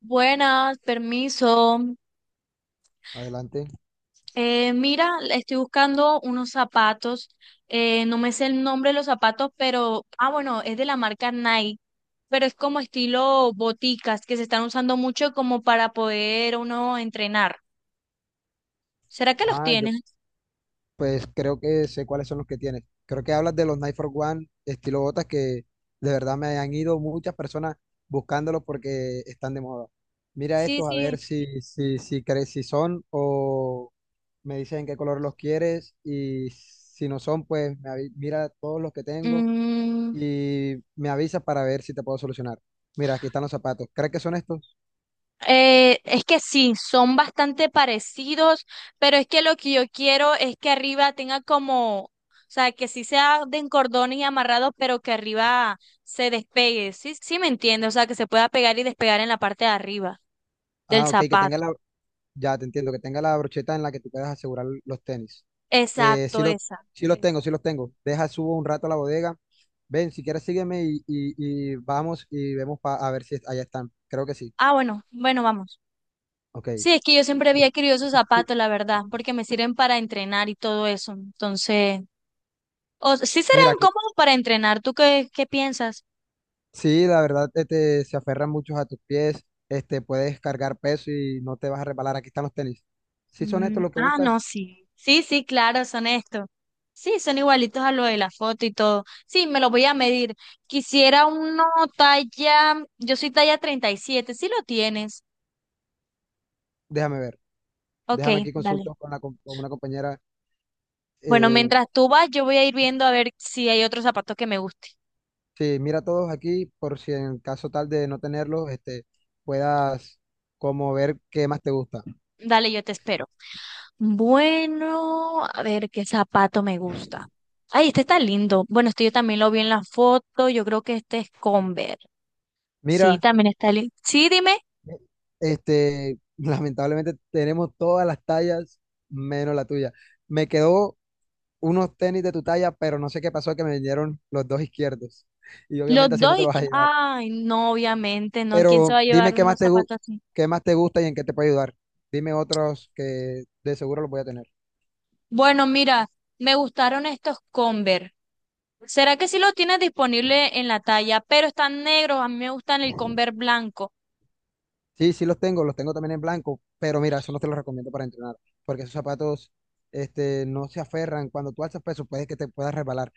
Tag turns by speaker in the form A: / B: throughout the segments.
A: Buenas, permiso.
B: Adelante.
A: Mira, estoy buscando unos zapatos. No me sé el nombre de los zapatos, pero, ah, bueno, es de la marca Nike, pero es como estilo boticas que se están usando mucho como para poder uno entrenar. ¿Será que los
B: Yo
A: tienes?
B: pues creo que sé cuáles son los que tienes. Creo que hablas de los Night for One estilo botas que de verdad me han ido muchas personas buscándolos porque están de moda. Mira
A: Sí,
B: estos a ver
A: sí.
B: si crees si son, o me dices en qué color los quieres, y si no son, pues mira todos los que tengo
A: Mm.
B: y me avisas para ver si te puedo solucionar. Mira, aquí están los zapatos. ¿Crees que son estos?
A: Es que sí, son bastante parecidos, pero es que lo que yo quiero es que arriba tenga como, o sea, que sí sea de cordones y amarrados, pero que arriba se despegue. Sí, sí me entiende, o sea, que se pueda pegar y despegar en la parte de arriba del
B: Ok,
A: zapato.
B: ya te entiendo, que tenga la brocheta en la que tú puedas asegurar los tenis. Eh, sí
A: Exacto,
B: los,
A: esa.
B: sí los tengo, sí los tengo. Deja, subo un rato a la bodega. Ven, si quieres sígueme y vamos y a ver si allá están. Creo que sí.
A: Ah, bueno, bueno, vamos.
B: Ok.
A: Sí, es que yo siempre había querido esos
B: Sí,
A: zapatos, la verdad, porque me sirven para entrenar y todo eso. Entonces, o sí
B: mira,
A: serán
B: que
A: cómodos para entrenar. ¿Tú qué piensas?
B: sí, la verdad se aferran muchos a tus pies. Puedes cargar peso y no te vas a reparar. Aquí están los tenis. Si son
A: Mm,
B: estos los que
A: ah, no,
B: buscas,
A: sí. Sí, sí, claro, son estos. Sí, son igualitos a lo de la foto y todo. Sí, me lo voy a medir. Quisiera uno talla, yo soy talla 37, si lo tienes.
B: déjame ver.
A: Ok,
B: Déjame, aquí
A: dale.
B: consulto con, con una compañera.
A: Bueno,
B: eh,
A: mientras tú vas, yo voy a ir viendo a ver si hay otro zapato que me guste.
B: Sí, mira todos aquí por si en caso tal de no tenerlos, puedas como ver qué más te gusta.
A: Dale, yo te espero. Bueno, a ver qué zapato me gusta. Ay, este está lindo. Bueno, este yo también lo vi en la foto. Yo creo que este es Converse. Sí,
B: Mira,
A: también está lindo. Sí, dime.
B: lamentablemente tenemos todas las tallas menos la tuya. Me quedó unos tenis de tu talla, pero no sé qué pasó que me vinieron los dos izquierdos. Y
A: Los
B: obviamente así no
A: dos
B: te los vas a llevar.
A: ay, no, obviamente, no. ¿Quién se va
B: Pero
A: a
B: dime
A: llevar unos zapatos así?
B: qué más te gusta y en qué te puede ayudar. Dime otros que de seguro los voy a tener.
A: Bueno, mira, me gustaron estos Converse. ¿Será que sí lo tienes disponible en la talla? Pero están negros, a mí me gustan el Converse blanco.
B: Sí, sí los tengo también en blanco, pero mira, eso no te los recomiendo para entrenar, porque esos zapatos, no se aferran. Cuando tú alzas peso, puede que te puedas resbalar.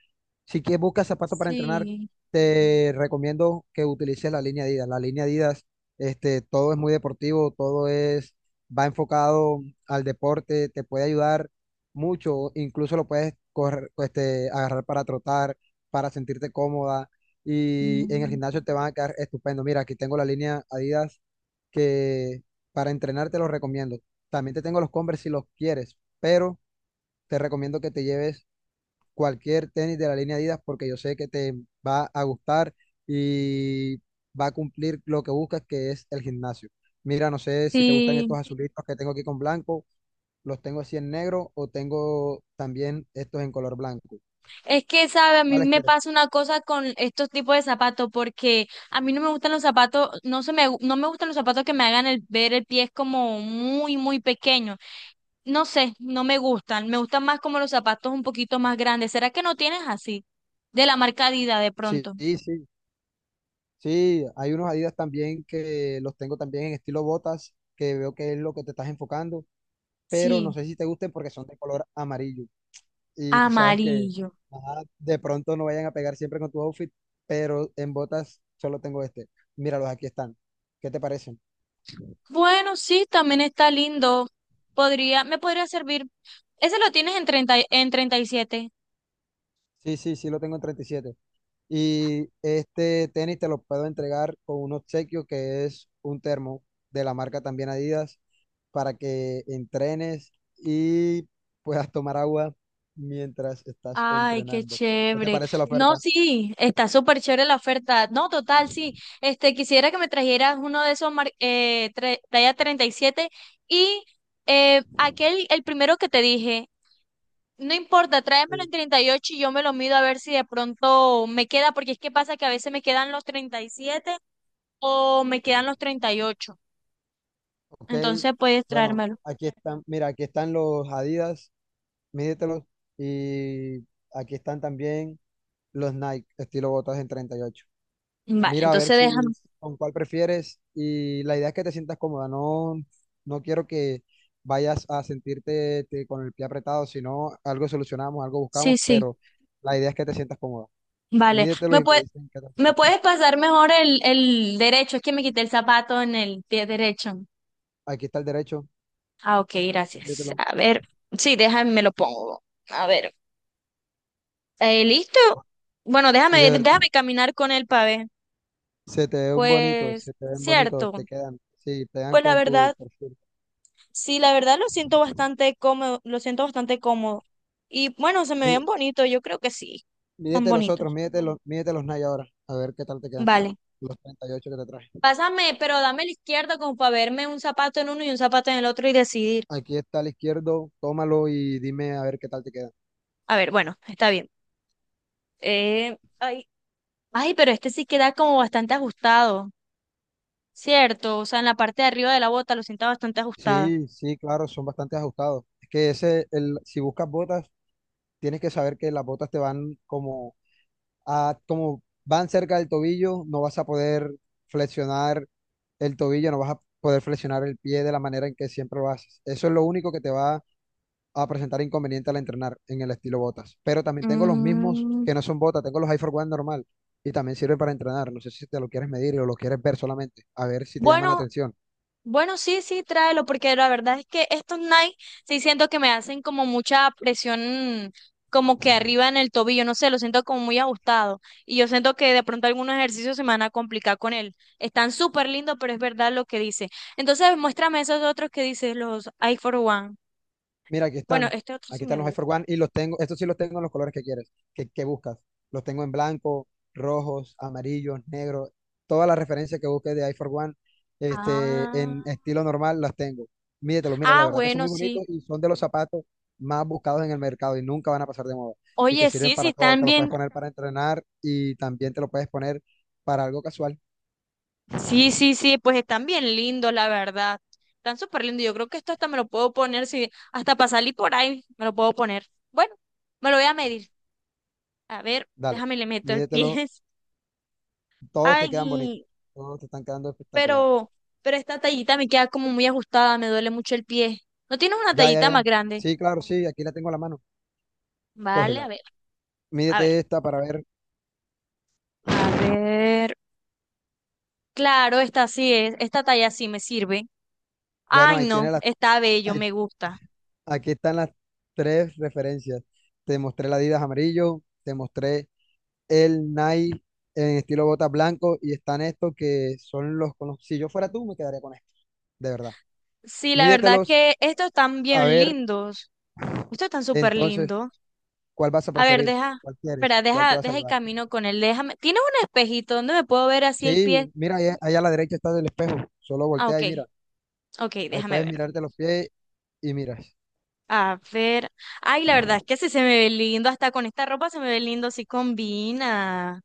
B: Si quieres buscas zapatos para entrenar,
A: Sí.
B: te recomiendo que utilices la línea Adidas. La línea Adidas, todo es muy deportivo, todo es, va enfocado al deporte, te puede ayudar mucho, incluso lo puedes correr, agarrar para trotar, para sentirte cómoda, y en el
A: Mm.
B: gimnasio te van a quedar estupendo. Mira, aquí tengo la línea Adidas que para entrenar te los recomiendo. También te tengo los Converse si los quieres, pero te recomiendo que te lleves cualquier tenis de la línea Adidas porque yo sé que te va a gustar y va a cumplir lo que buscas, que es el gimnasio. Mira, no sé si te gustan
A: Sí.
B: estos azulitos que tengo aquí con blanco, los tengo así en negro o tengo también estos en color blanco.
A: Es que, sabe, a mí
B: ¿Cuáles
A: me
B: quieres?
A: pasa una cosa con estos tipos de zapatos, porque a mí no me gustan los zapatos, no me gustan los zapatos que me hagan el, ver el pie es como muy, muy pequeño. No sé, no me gustan. Me gustan más como los zapatos un poquito más grandes. ¿Será que no tienes así? De la marca Adidas de
B: Sí,
A: pronto.
B: sí, sí. Sí, hay unos Adidas también que los tengo también en estilo botas, que veo que es lo que te estás enfocando. Pero no
A: Sí,
B: sé si te gusten porque son de color amarillo. Y tú sabes que,
A: amarillo.
B: ajá, de pronto no vayan a pegar siempre con tu outfit, pero en botas solo tengo este. Míralos, aquí están. ¿Qué te parecen?
A: Bueno, sí, también está lindo. Podría, me podría servir. Ese lo tienes en en 37.
B: Sí, sí, sí, lo tengo en 37. Y siete. Y este tenis te lo puedo entregar con un obsequio que es un termo de la marca también Adidas para que entrenes y puedas tomar agua mientras estás
A: Ay, qué
B: entrenando. ¿Qué te
A: chévere.
B: parece la
A: No,
B: oferta?
A: sí, está súper chévere la oferta. No, total, sí. Este, quisiera que me trajeras uno de esos talla 37 y aquel, el primero que te dije. No importa, tráemelo en
B: Sí.
A: 38 y yo me lo mido a ver si de pronto me queda, porque es que pasa que a veces me quedan los 37 o me quedan los 38.
B: Ok,
A: Entonces puedes
B: bueno,
A: traérmelo.
B: aquí están, mira, aquí están los Adidas, mídetelos, y aquí están también los Nike, estilo botas en 38.
A: Vale,
B: Mira, a ver
A: entonces
B: si
A: déjame.
B: con cuál prefieres, y la idea es que te sientas cómoda. No, no quiero que vayas a sentirte te- con el pie apretado, sino algo solucionamos, algo
A: Sí,
B: buscamos,
A: sí,
B: pero la idea es que te sientas cómoda.
A: vale.
B: Mídetelos
A: ¿Me
B: y me
A: puede,
B: dicen qué tal te
A: me
B: queda.
A: puedes pasar mejor el derecho? Es que me quité el zapato en el pie derecho.
B: Aquí está el derecho,
A: Ah, ok, gracias.
B: mídetelo,
A: A ver, sí, déjame, me lo pongo. A ver, ¿listo? Bueno,
B: y
A: déjame,
B: de verdad.
A: déjame caminar con él para ver.
B: Se te ven bonitos,
A: Pues,
B: se te ven bonitos,
A: cierto.
B: te quedan. Sí, te dan
A: Pues la
B: con tu
A: verdad.
B: perfil.
A: Sí, la verdad lo siento bastante cómodo, lo siento bastante cómodo. Y bueno, se me
B: Mí-
A: ven bonitos, yo creo que sí, están
B: Mídete los otros,
A: bonitos.
B: mídete los Nike ahora, a ver qué tal te quedan.
A: Vale.
B: Los 38 que te traje.
A: Pásame, pero dame la izquierda como para verme un zapato en uno y un zapato en el otro y decidir.
B: Aquí está al izquierdo, tómalo y dime a ver qué tal te quedan.
A: A ver, bueno, está bien. Ay, ay, pero este sí queda como bastante ajustado, ¿cierto? O sea, en la parte de arriba de la bota lo siento bastante ajustada.
B: Sí, sí, claro, son bastante ajustados. Es que ese, el, si buscas botas, tienes que saber que las botas te van como, a, como van cerca del tobillo, no vas a poder flexionar el tobillo, no vas a poder flexionar el pie de la manera en que siempre lo haces. Eso es lo único que te va a presentar inconveniente al entrenar en el estilo botas. Pero también tengo los mismos
A: Mm,
B: que no son botas, tengo los High for One normal y también sirven para entrenar. No sé si te lo quieres medir o lo quieres ver solamente, a ver si te llama la
A: bueno.
B: atención.
A: Bueno, sí, sí, tráelo, porque la verdad es que estos Nike sí siento que me hacen como mucha presión, como que arriba en el tobillo, no sé, lo siento como muy ajustado. Y yo siento que de pronto algunos ejercicios se me van a complicar con él. Están súper lindos, pero es verdad lo que dice. Entonces, muéstrame esos otros que dices, los I for One.
B: Mira, aquí
A: Bueno,
B: están.
A: este otro sí
B: Aquí
A: me
B: están los iPhone
A: gusta.
B: One y los tengo, estos sí los tengo en los colores que quieres, que buscas. Los tengo en blanco, rojos, amarillos, negros. Todas las referencias que busques de iPhone One,
A: Ah,
B: en estilo normal las tengo. Mídetelos, mira, la
A: ah,
B: verdad que son
A: bueno,
B: muy
A: sí.
B: bonitos y son de los zapatos más buscados en el mercado y nunca van a pasar de moda. Y te
A: Oye,
B: sirven
A: sí, sí,
B: para todo,
A: están
B: te los puedes
A: bien.
B: poner para entrenar y también te lo puedes poner para algo casual.
A: Sí, sí, sí, pues están bien lindos, la verdad. Están súper lindos. Yo creo que esto hasta me lo puedo poner, si hasta para salir por ahí me lo puedo poner. Bueno, me lo voy a medir. A ver,
B: Dale,
A: déjame le meto el pie.
B: mídetelo, todos te quedan bonitos,
A: Ay,
B: todos te están quedando espectaculares.
A: pero, pero esta tallita me queda como muy ajustada, me duele mucho el pie. ¿No tienes una
B: Ya, ya,
A: tallita más
B: ya.
A: grande?
B: Sí, claro, sí, aquí la tengo a la mano.
A: Vale, a
B: Cógela.
A: ver, a ver,
B: Mídete esta para ver.
A: a ver. Claro, esta sí es, esta talla sí me sirve.
B: Bueno,
A: Ay,
B: ahí
A: no,
B: tiene las.
A: está bello,
B: ahí-
A: me gusta.
B: Aquí están las tres referencias. Te mostré la Adidas amarillo, te mostré el Nike en estilo bota blanco y están estos que son los con los. Si yo fuera tú, me quedaría con estos, de verdad.
A: Sí, la verdad
B: Mídetelos
A: que estos están
B: a
A: bien
B: ver
A: lindos. Ustedes están súper
B: entonces
A: lindo.
B: cuál vas a
A: A ver,
B: preferir,
A: deja,
B: cuál quieres,
A: espera,
B: cuál te
A: deja,
B: vas a
A: deja el
B: llevar.
A: camino con él. Déjame. ¿Tienes un espejito donde me puedo ver así el pie?
B: Sí, mira, ahí a la derecha está el espejo. Solo
A: Ah,
B: voltea
A: ok,
B: y mira.
A: ok,
B: Ahí
A: déjame
B: puedes
A: ver.
B: mirarte los pies y miras.
A: A ver. Ay, la verdad es que sí se me ve lindo. Hasta con esta ropa se me ve lindo, sí combina.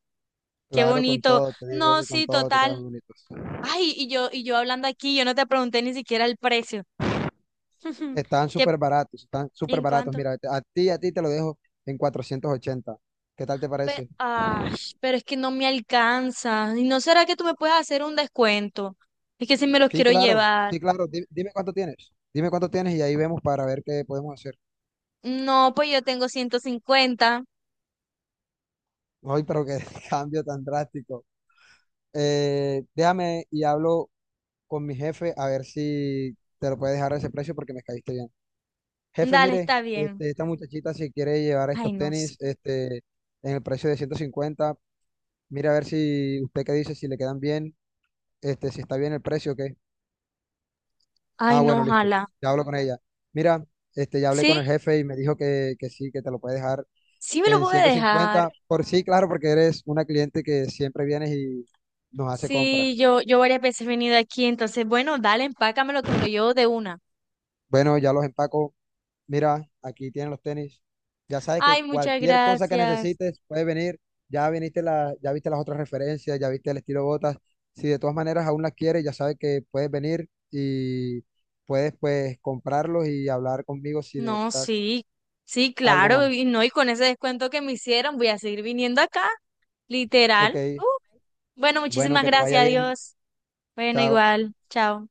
A: Qué
B: Claro, con
A: bonito.
B: todo, te digo
A: No,
B: que con
A: sí,
B: todo te
A: total.
B: quedan bonitos.
A: Ay, y yo hablando aquí, yo no te pregunté ni siquiera el precio.
B: Están
A: ¿Qué,
B: súper baratos, están súper
A: en
B: baratos.
A: cuánto?
B: Mira, a ti te lo dejo en 480. ¿Qué tal te parece?
A: Ay, pero es que no me alcanza. ¿Y no será que tú me puedes hacer un descuento? Es que si me los
B: Sí,
A: quiero
B: claro,
A: llevar.
B: sí, claro. Dime, cuánto tienes. Dime cuánto tienes y ahí vemos para ver qué podemos hacer.
A: No, pues yo tengo 150.
B: Ay, pero qué cambio tan drástico. Déjame y hablo con mi jefe a ver si te lo puede dejar a ese precio porque me caíste bien. Jefe,
A: Dale,
B: mire,
A: está bien.
B: esta muchachita si quiere llevar
A: Ay,
B: estos
A: no sé.
B: tenis, en el precio de 150. Mira a ver si usted qué dice, si le quedan bien, si está bien el precio o qué.
A: Ay,
B: Ah,
A: no,
B: bueno, listo.
A: ojalá.
B: Ya hablo con ella. Mira, ya hablé
A: Sí,
B: con el jefe y me dijo que sí, que te lo puede dejar
A: sí me lo
B: en
A: pude
B: ciento
A: dejar.
B: cincuenta, Por sí, claro, porque eres una cliente que siempre vienes y nos hace compras.
A: Sí, yo varias veces he venido aquí, entonces, bueno, dale, empácamelo que me lo llevo de una.
B: Bueno, ya los empaco. Mira, aquí tienen los tenis. Ya sabes que
A: Ay, muchas
B: cualquier cosa que
A: gracias.
B: necesites puedes venir. Ya viste las otras referencias, ya viste el estilo botas. Si de todas maneras aún las quieres, ya sabes que puedes venir y puedes pues comprarlos y hablar conmigo si
A: No,
B: necesitas
A: sí, sí,
B: algo
A: claro,
B: más.
A: y no, y con ese descuento que me hicieron, voy a seguir viniendo acá,
B: Ok,
A: literal. Bueno,
B: bueno,
A: muchísimas
B: que te vaya
A: gracias,
B: bien.
A: adiós. Bueno,
B: Chao.
A: igual, chao.